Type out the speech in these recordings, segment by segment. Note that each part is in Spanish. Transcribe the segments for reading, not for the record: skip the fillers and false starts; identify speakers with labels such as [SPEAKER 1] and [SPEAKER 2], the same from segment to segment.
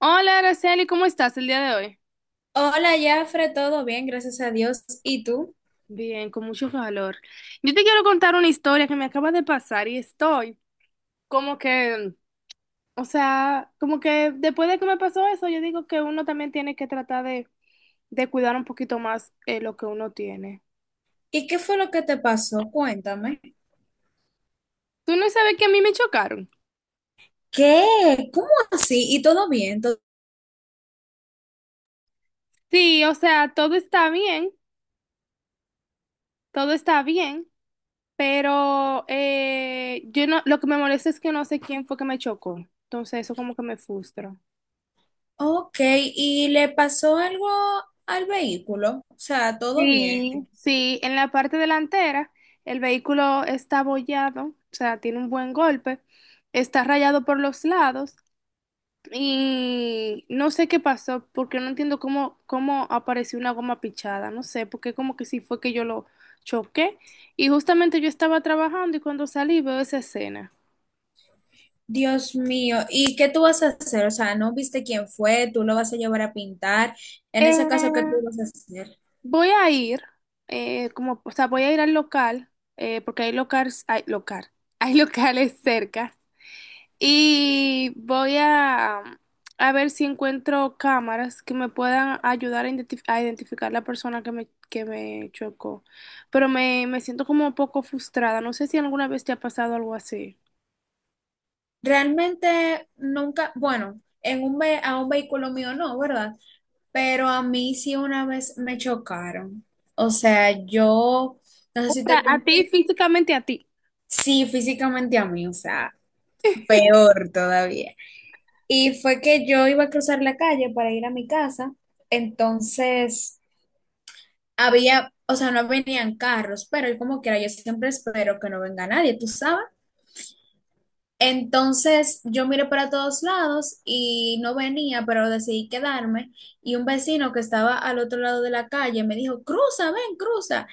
[SPEAKER 1] Hola, Araceli, ¿cómo estás el día de hoy?
[SPEAKER 2] Hola, Jafre, todo bien, gracias a Dios. ¿Y tú?
[SPEAKER 1] Bien, con mucho calor. Yo te quiero contar una historia que me acaba de pasar y estoy como que, o sea, como que después de que me pasó eso, yo digo que uno también tiene que tratar de cuidar un poquito más lo que uno tiene.
[SPEAKER 2] ¿Y qué fue lo que te pasó? Cuéntame.
[SPEAKER 1] ¿Tú no sabes que a mí me chocaron?
[SPEAKER 2] ¿Qué? ¿Cómo así? ¿Y todo bien? ¿Todo-
[SPEAKER 1] Sí, o sea, todo está bien, pero yo no, lo que me molesta es que no sé quién fue que me chocó. Entonces eso como que me frustra.
[SPEAKER 2] Ok, ¿y le pasó algo al vehículo? O sea, todo bien.
[SPEAKER 1] Sí, sí, en la parte delantera el vehículo está abollado, o sea, tiene un buen golpe, está rayado por los lados y no sé qué pasó, porque no entiendo cómo apareció una goma pichada, no sé, porque como que sí fue que yo lo choqué y justamente yo estaba trabajando y cuando salí veo esa escena.
[SPEAKER 2] Dios mío, ¿y qué tú vas a hacer? O sea, ¿no viste quién fue? ¿Tú lo vas a llevar a pintar? En ese caso, ¿qué
[SPEAKER 1] Eh,
[SPEAKER 2] tú vas a hacer?
[SPEAKER 1] voy a ir, como, o sea, voy a ir al local, porque hay locales, hay local, hay locales cerca. Y voy a ver si encuentro cámaras que me puedan ayudar a, a identificar la persona que me chocó. Pero me siento como un poco frustrada. No sé si alguna vez te ha pasado algo así.
[SPEAKER 2] Realmente nunca, bueno, en un ve- a un vehículo mío no, ¿verdad? Pero a mí sí una vez me chocaron. O sea, yo, no sé
[SPEAKER 1] O
[SPEAKER 2] si
[SPEAKER 1] sea,
[SPEAKER 2] te
[SPEAKER 1] a ti,
[SPEAKER 2] conté,
[SPEAKER 1] físicamente a ti.
[SPEAKER 2] sí, físicamente a mí, o sea, peor todavía. Y fue que yo iba a cruzar la calle para ir a mi casa, entonces había, o sea, no venían carros, pero yo como quiera, yo siempre espero que no venga nadie, tú sabes. Entonces yo miré para todos lados y no venía, pero decidí quedarme. Y un vecino que estaba al otro lado de la calle me dijo, cruza, ven, cruza.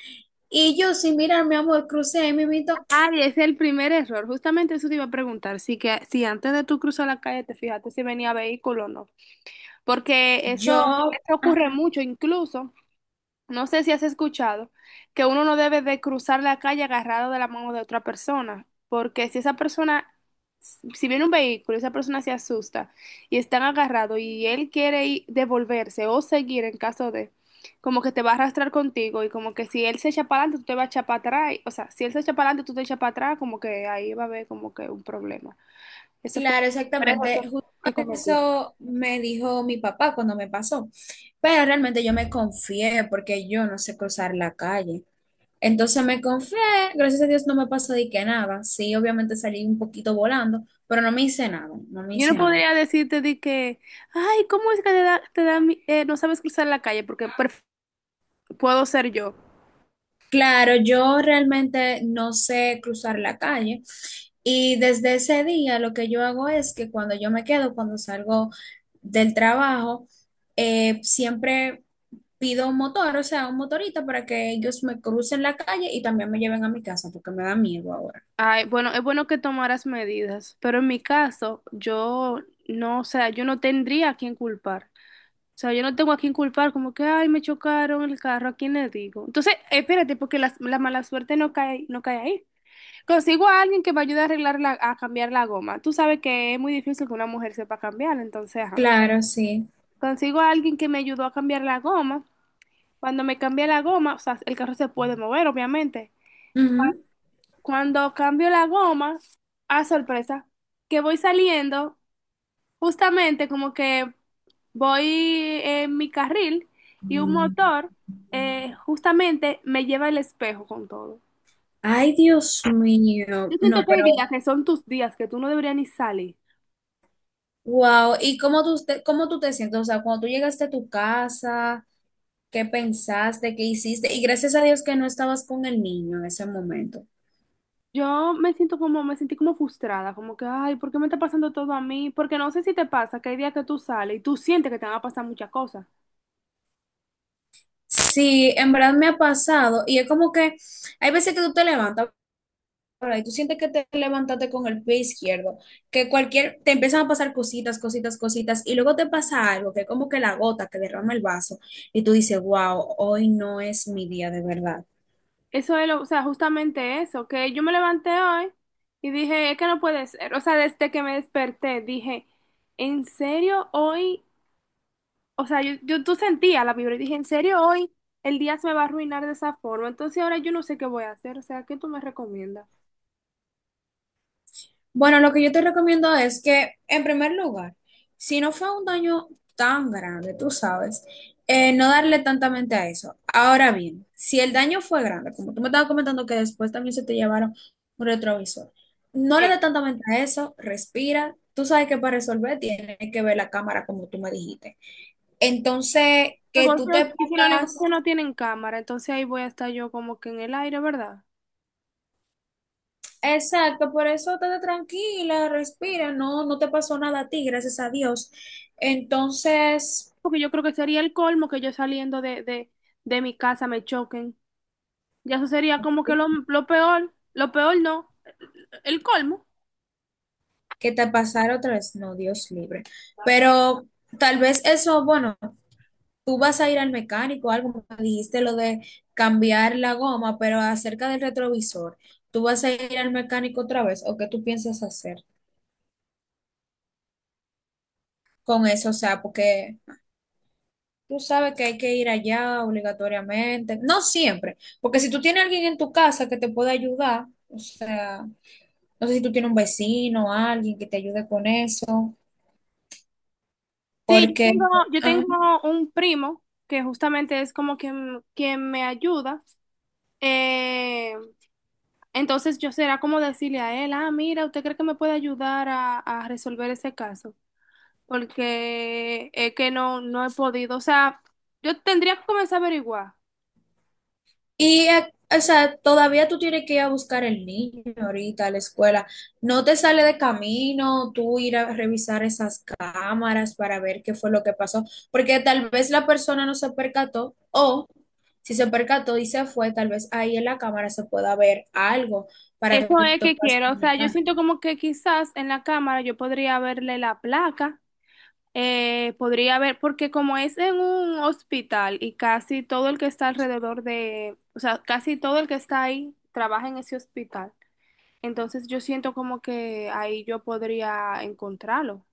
[SPEAKER 2] Y yo, sin mirar, mi amor, crucé ahí mimito.
[SPEAKER 1] Ay, ese es el primer error. Justamente eso te iba a preguntar. Si, que, si antes de tú cruzar la calle te fijaste si venía vehículo o no. Porque eso,
[SPEAKER 2] Yo,
[SPEAKER 1] eso
[SPEAKER 2] ah,
[SPEAKER 1] ocurre mucho, incluso. No sé si has escuchado que uno no debe de cruzar la calle agarrado de la mano de otra persona, porque si esa persona, si viene un vehículo y esa persona se asusta y están agarrados y él quiere devolverse o seguir en caso de, como que te va a arrastrar contigo y como que si él se echa para adelante, tú te vas a echar para atrás, o sea, si él se echa para adelante, tú te echas para atrás, como que ahí va a haber como que un problema. Ese fue
[SPEAKER 2] claro,
[SPEAKER 1] un error que
[SPEAKER 2] exactamente. Justo
[SPEAKER 1] cometí.
[SPEAKER 2] eso me dijo mi papá cuando me pasó. Pero realmente yo me confié porque yo no sé cruzar la calle. Entonces me confié, gracias a Dios no me pasó de que nada. Sí, obviamente salí un poquito volando, pero no me hice nada, no me
[SPEAKER 1] Yo no
[SPEAKER 2] hice nada.
[SPEAKER 1] podría decirte de que, ay, ¿cómo es que te da no sabes cruzar la calle? Porque puedo ser yo.
[SPEAKER 2] Claro, yo realmente no sé cruzar la calle y desde ese día lo que yo hago es que cuando yo me quedo, cuando salgo del trabajo, siempre pido un motor, o sea, un motorista para que ellos me crucen la calle y también me lleven a mi casa porque me da miedo ahora.
[SPEAKER 1] Ay, bueno, es bueno que tomaras medidas, pero en mi caso, yo no, o sea, yo no tendría a quién culpar. O sea, yo no tengo a quién culpar, como que, ay, me chocaron el carro, ¿a quién le digo? Entonces, espérate, porque la mala suerte no cae, no cae ahí. Consigo a alguien que me ayude a arreglar la, a cambiar la goma. Tú sabes que es muy difícil que una mujer sepa cambiar, entonces, ajá.
[SPEAKER 2] Claro, sí.
[SPEAKER 1] Consigo a alguien que me ayudó a cambiar la goma. Cuando me cambié la goma, o sea, el carro se puede mover, obviamente.
[SPEAKER 2] Ujú.
[SPEAKER 1] Cuando cambio la goma, a sorpresa, que voy saliendo, justamente como que voy en mi carril y un
[SPEAKER 2] Mm.
[SPEAKER 1] motor justamente me lleva el espejo con todo.
[SPEAKER 2] Ay, Dios mío.
[SPEAKER 1] Yo siento
[SPEAKER 2] No,
[SPEAKER 1] que hay
[SPEAKER 2] pero,
[SPEAKER 1] días que son tus días que tú no deberías ni salir.
[SPEAKER 2] wow. ¿Y cómo tú te sientes? O sea, cuando tú llegaste a tu casa. ¿Qué pensaste, qué hiciste? Y gracias a Dios que no estabas con el niño en ese momento.
[SPEAKER 1] Yo me siento como, me sentí como frustrada, como que, ay, ¿por qué me está pasando todo a mí? Porque no sé si te pasa que hay días que tú sales y tú sientes que te van a pasar muchas cosas.
[SPEAKER 2] Sí, en verdad me ha pasado, y es como que hay veces que tú te levantas, ¿verdad? Y tú sientes que te levantaste con el pie izquierdo, que cualquier, te empiezan a pasar cositas, cositas, cositas, y luego te pasa algo, que es como que la gota que derrama el vaso, y tú dices, wow, hoy no es mi día de verdad.
[SPEAKER 1] Eso es lo, o sea, justamente eso, que yo me levanté hoy y dije, es que no puede ser. O sea, desde que me desperté, dije, ¿en serio hoy? O sea, yo tú sentía la vibra y dije, ¿en serio hoy el día se me va a arruinar de esa forma? Entonces ahora yo no sé qué voy a hacer. O sea, ¿qué tú me recomiendas?
[SPEAKER 2] Bueno, lo que yo te recomiendo es que, en primer lugar, si no fue un daño tan grande, tú sabes, no darle tanta mente a eso. Ahora bien, si el daño fue grande, como tú me estabas comentando que después también se te llevaron un retrovisor, no le
[SPEAKER 1] Sí.
[SPEAKER 2] dé tanta mente a eso, respira. Tú sabes que para resolver tienes que ver la cámara como tú me dijiste. Entonces, que tú
[SPEAKER 1] Negocios,
[SPEAKER 2] te
[SPEAKER 1] y si los
[SPEAKER 2] pongas,
[SPEAKER 1] negocios no tienen cámara, entonces ahí voy a estar yo como que en el aire, ¿verdad?
[SPEAKER 2] exacto, por eso estate tranquila, respira, no, no te pasó nada a ti, gracias a Dios. Entonces,
[SPEAKER 1] Porque yo creo que sería el colmo que yo saliendo de mi casa me choquen. Ya eso sería como que lo peor no. El colmo.
[SPEAKER 2] que te pasara otra vez, no, Dios libre. Pero tal vez eso, bueno, tú vas a ir al mecánico, algo, me dijiste lo de cambiar la goma, pero acerca del retrovisor, ¿tú vas a ir al mecánico otra vez o qué tú piensas hacer con eso? O sea, porque tú sabes que hay que ir allá obligatoriamente, no siempre, porque si tú tienes alguien en tu casa que te pueda ayudar, o sea, no sé si tú tienes un vecino o alguien que te ayude con eso,
[SPEAKER 1] Sí,
[SPEAKER 2] porque...
[SPEAKER 1] yo
[SPEAKER 2] Ajá.
[SPEAKER 1] tengo un primo que justamente es como quien, quien me ayuda. Eh, entonces yo será como decirle a él, ah, mira, ¿usted cree que me puede ayudar a resolver ese caso? Porque es que no, no he podido. O sea, yo tendría que comenzar a averiguar.
[SPEAKER 2] Y, o sea, todavía tú tienes que ir a buscar el niño ahorita a la escuela. No te sale de camino tú ir a revisar esas cámaras para ver qué fue lo que pasó, porque tal vez la persona no se percató o si se percató y se fue, tal vez ahí en la cámara se pueda ver algo para
[SPEAKER 1] Eso
[SPEAKER 2] que
[SPEAKER 1] es
[SPEAKER 2] tú
[SPEAKER 1] que
[SPEAKER 2] puedas
[SPEAKER 1] quiero. O sea, yo
[SPEAKER 2] comunicar.
[SPEAKER 1] siento como que quizás en la cámara yo podría verle la placa. Podría haber, porque como es en un hospital y casi todo el que está alrededor de, o sea, casi todo el que está ahí trabaja en ese hospital. Entonces yo siento como que ahí yo podría encontrarlo.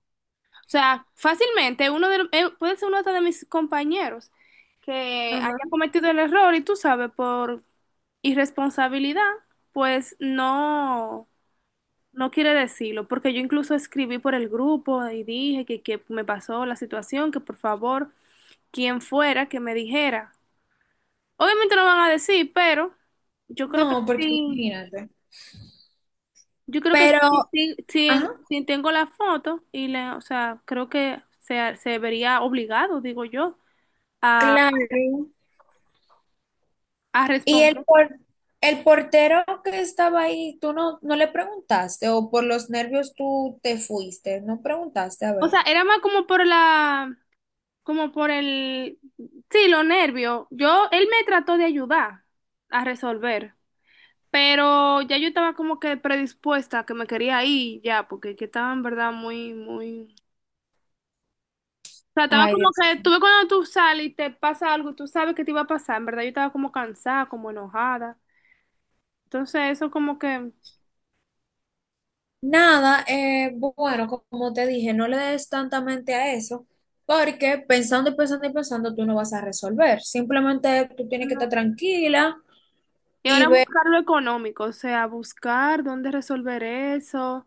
[SPEAKER 1] O sea, fácilmente puede ser uno hasta de mis compañeros que
[SPEAKER 2] Ajá.
[SPEAKER 1] haya cometido el error y tú sabes, por irresponsabilidad, pues no. No quiere decirlo, porque yo incluso escribí por el grupo y dije que me pasó la situación, que por favor, quien fuera que me dijera. Obviamente no van a decir, pero yo creo que
[SPEAKER 2] No, porque
[SPEAKER 1] sí,
[SPEAKER 2] imagínate.
[SPEAKER 1] yo creo que sí,
[SPEAKER 2] Pero,
[SPEAKER 1] sí,
[SPEAKER 2] ajá,
[SPEAKER 1] sí tengo la foto y le, o sea, creo que se vería obligado, digo yo, a,
[SPEAKER 2] claro.
[SPEAKER 1] a
[SPEAKER 2] Y el,
[SPEAKER 1] responder.
[SPEAKER 2] por- el portero que estaba ahí, tú no, no le preguntaste, o por los nervios tú te fuiste, no preguntaste, a
[SPEAKER 1] O
[SPEAKER 2] ver.
[SPEAKER 1] sea, era más como por la, como por el, sí, los nervios. Yo, él me trató de ayudar a resolver. Pero ya yo estaba como que predispuesta, a que me quería ir ya, porque que estaba en verdad muy, muy... O sea, estaba
[SPEAKER 2] Ay,
[SPEAKER 1] como
[SPEAKER 2] Dios.
[SPEAKER 1] que, tú ves cuando tú sales y te pasa algo, tú sabes que te iba a pasar, en verdad yo estaba como cansada, como enojada. Entonces eso como que...
[SPEAKER 2] Nada, bueno, como te dije, no le des tanta mente a eso, porque pensando y pensando y pensando, tú no vas a resolver. Simplemente tú tienes que estar
[SPEAKER 1] no.
[SPEAKER 2] tranquila
[SPEAKER 1] Y
[SPEAKER 2] y
[SPEAKER 1] ahora
[SPEAKER 2] ver.
[SPEAKER 1] buscar lo económico, o sea, buscar dónde resolver eso,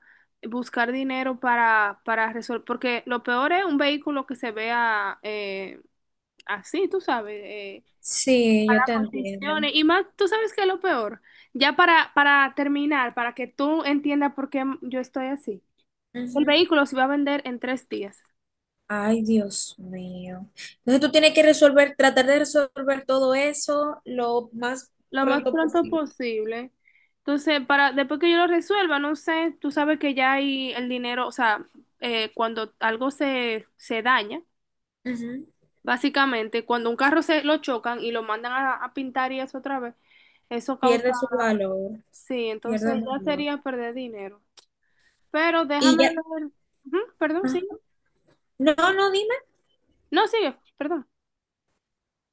[SPEAKER 1] buscar dinero para resolver, porque lo peor es un vehículo que se vea así, tú sabes.
[SPEAKER 2] Sí, yo te entiendo.
[SPEAKER 1] Condiciones. Y más, tú sabes que es lo peor. Ya para terminar, para que tú entiendas por qué yo estoy así. El
[SPEAKER 2] Ujú.
[SPEAKER 1] vehículo se va a vender en 3 días,
[SPEAKER 2] Ay, Dios mío. Entonces tú tienes que resolver, tratar de resolver todo eso lo más
[SPEAKER 1] lo más
[SPEAKER 2] pronto
[SPEAKER 1] pronto
[SPEAKER 2] posible.
[SPEAKER 1] posible. Entonces, para, después que yo lo resuelva, no sé, tú sabes que ya hay el dinero, o sea, cuando algo se, se daña,
[SPEAKER 2] Ujú.
[SPEAKER 1] básicamente, cuando un carro se lo chocan y lo mandan a pintar y eso otra vez, eso causa,
[SPEAKER 2] Pierde su valor,
[SPEAKER 1] sí,
[SPEAKER 2] pierde el
[SPEAKER 1] entonces ya
[SPEAKER 2] valor.
[SPEAKER 1] sería perder dinero. Pero
[SPEAKER 2] Y
[SPEAKER 1] déjame
[SPEAKER 2] ya,
[SPEAKER 1] ver, ujú, perdón,
[SPEAKER 2] ajá.
[SPEAKER 1] sí.
[SPEAKER 2] No, no, dime.
[SPEAKER 1] No, sigue, perdón.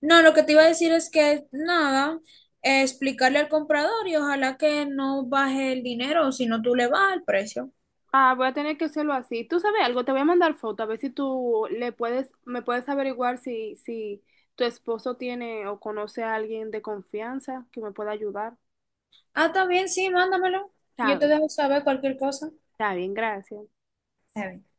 [SPEAKER 2] No, lo que te iba a decir es que nada, explicarle al comprador y ojalá que no baje el dinero, o si no tú le bajas el precio.
[SPEAKER 1] Ah, voy a tener que hacerlo así. Tú sabes algo, te voy a mandar foto, a ver si tú le puedes, me puedes averiguar si, si tu esposo tiene o conoce a alguien de confianza que me pueda ayudar.
[SPEAKER 2] Ah, también, sí, mándamelo.
[SPEAKER 1] Está
[SPEAKER 2] Yo te
[SPEAKER 1] bien,
[SPEAKER 2] dejo saber cualquier cosa.
[SPEAKER 1] está bien, gracias.
[SPEAKER 2] Está bien.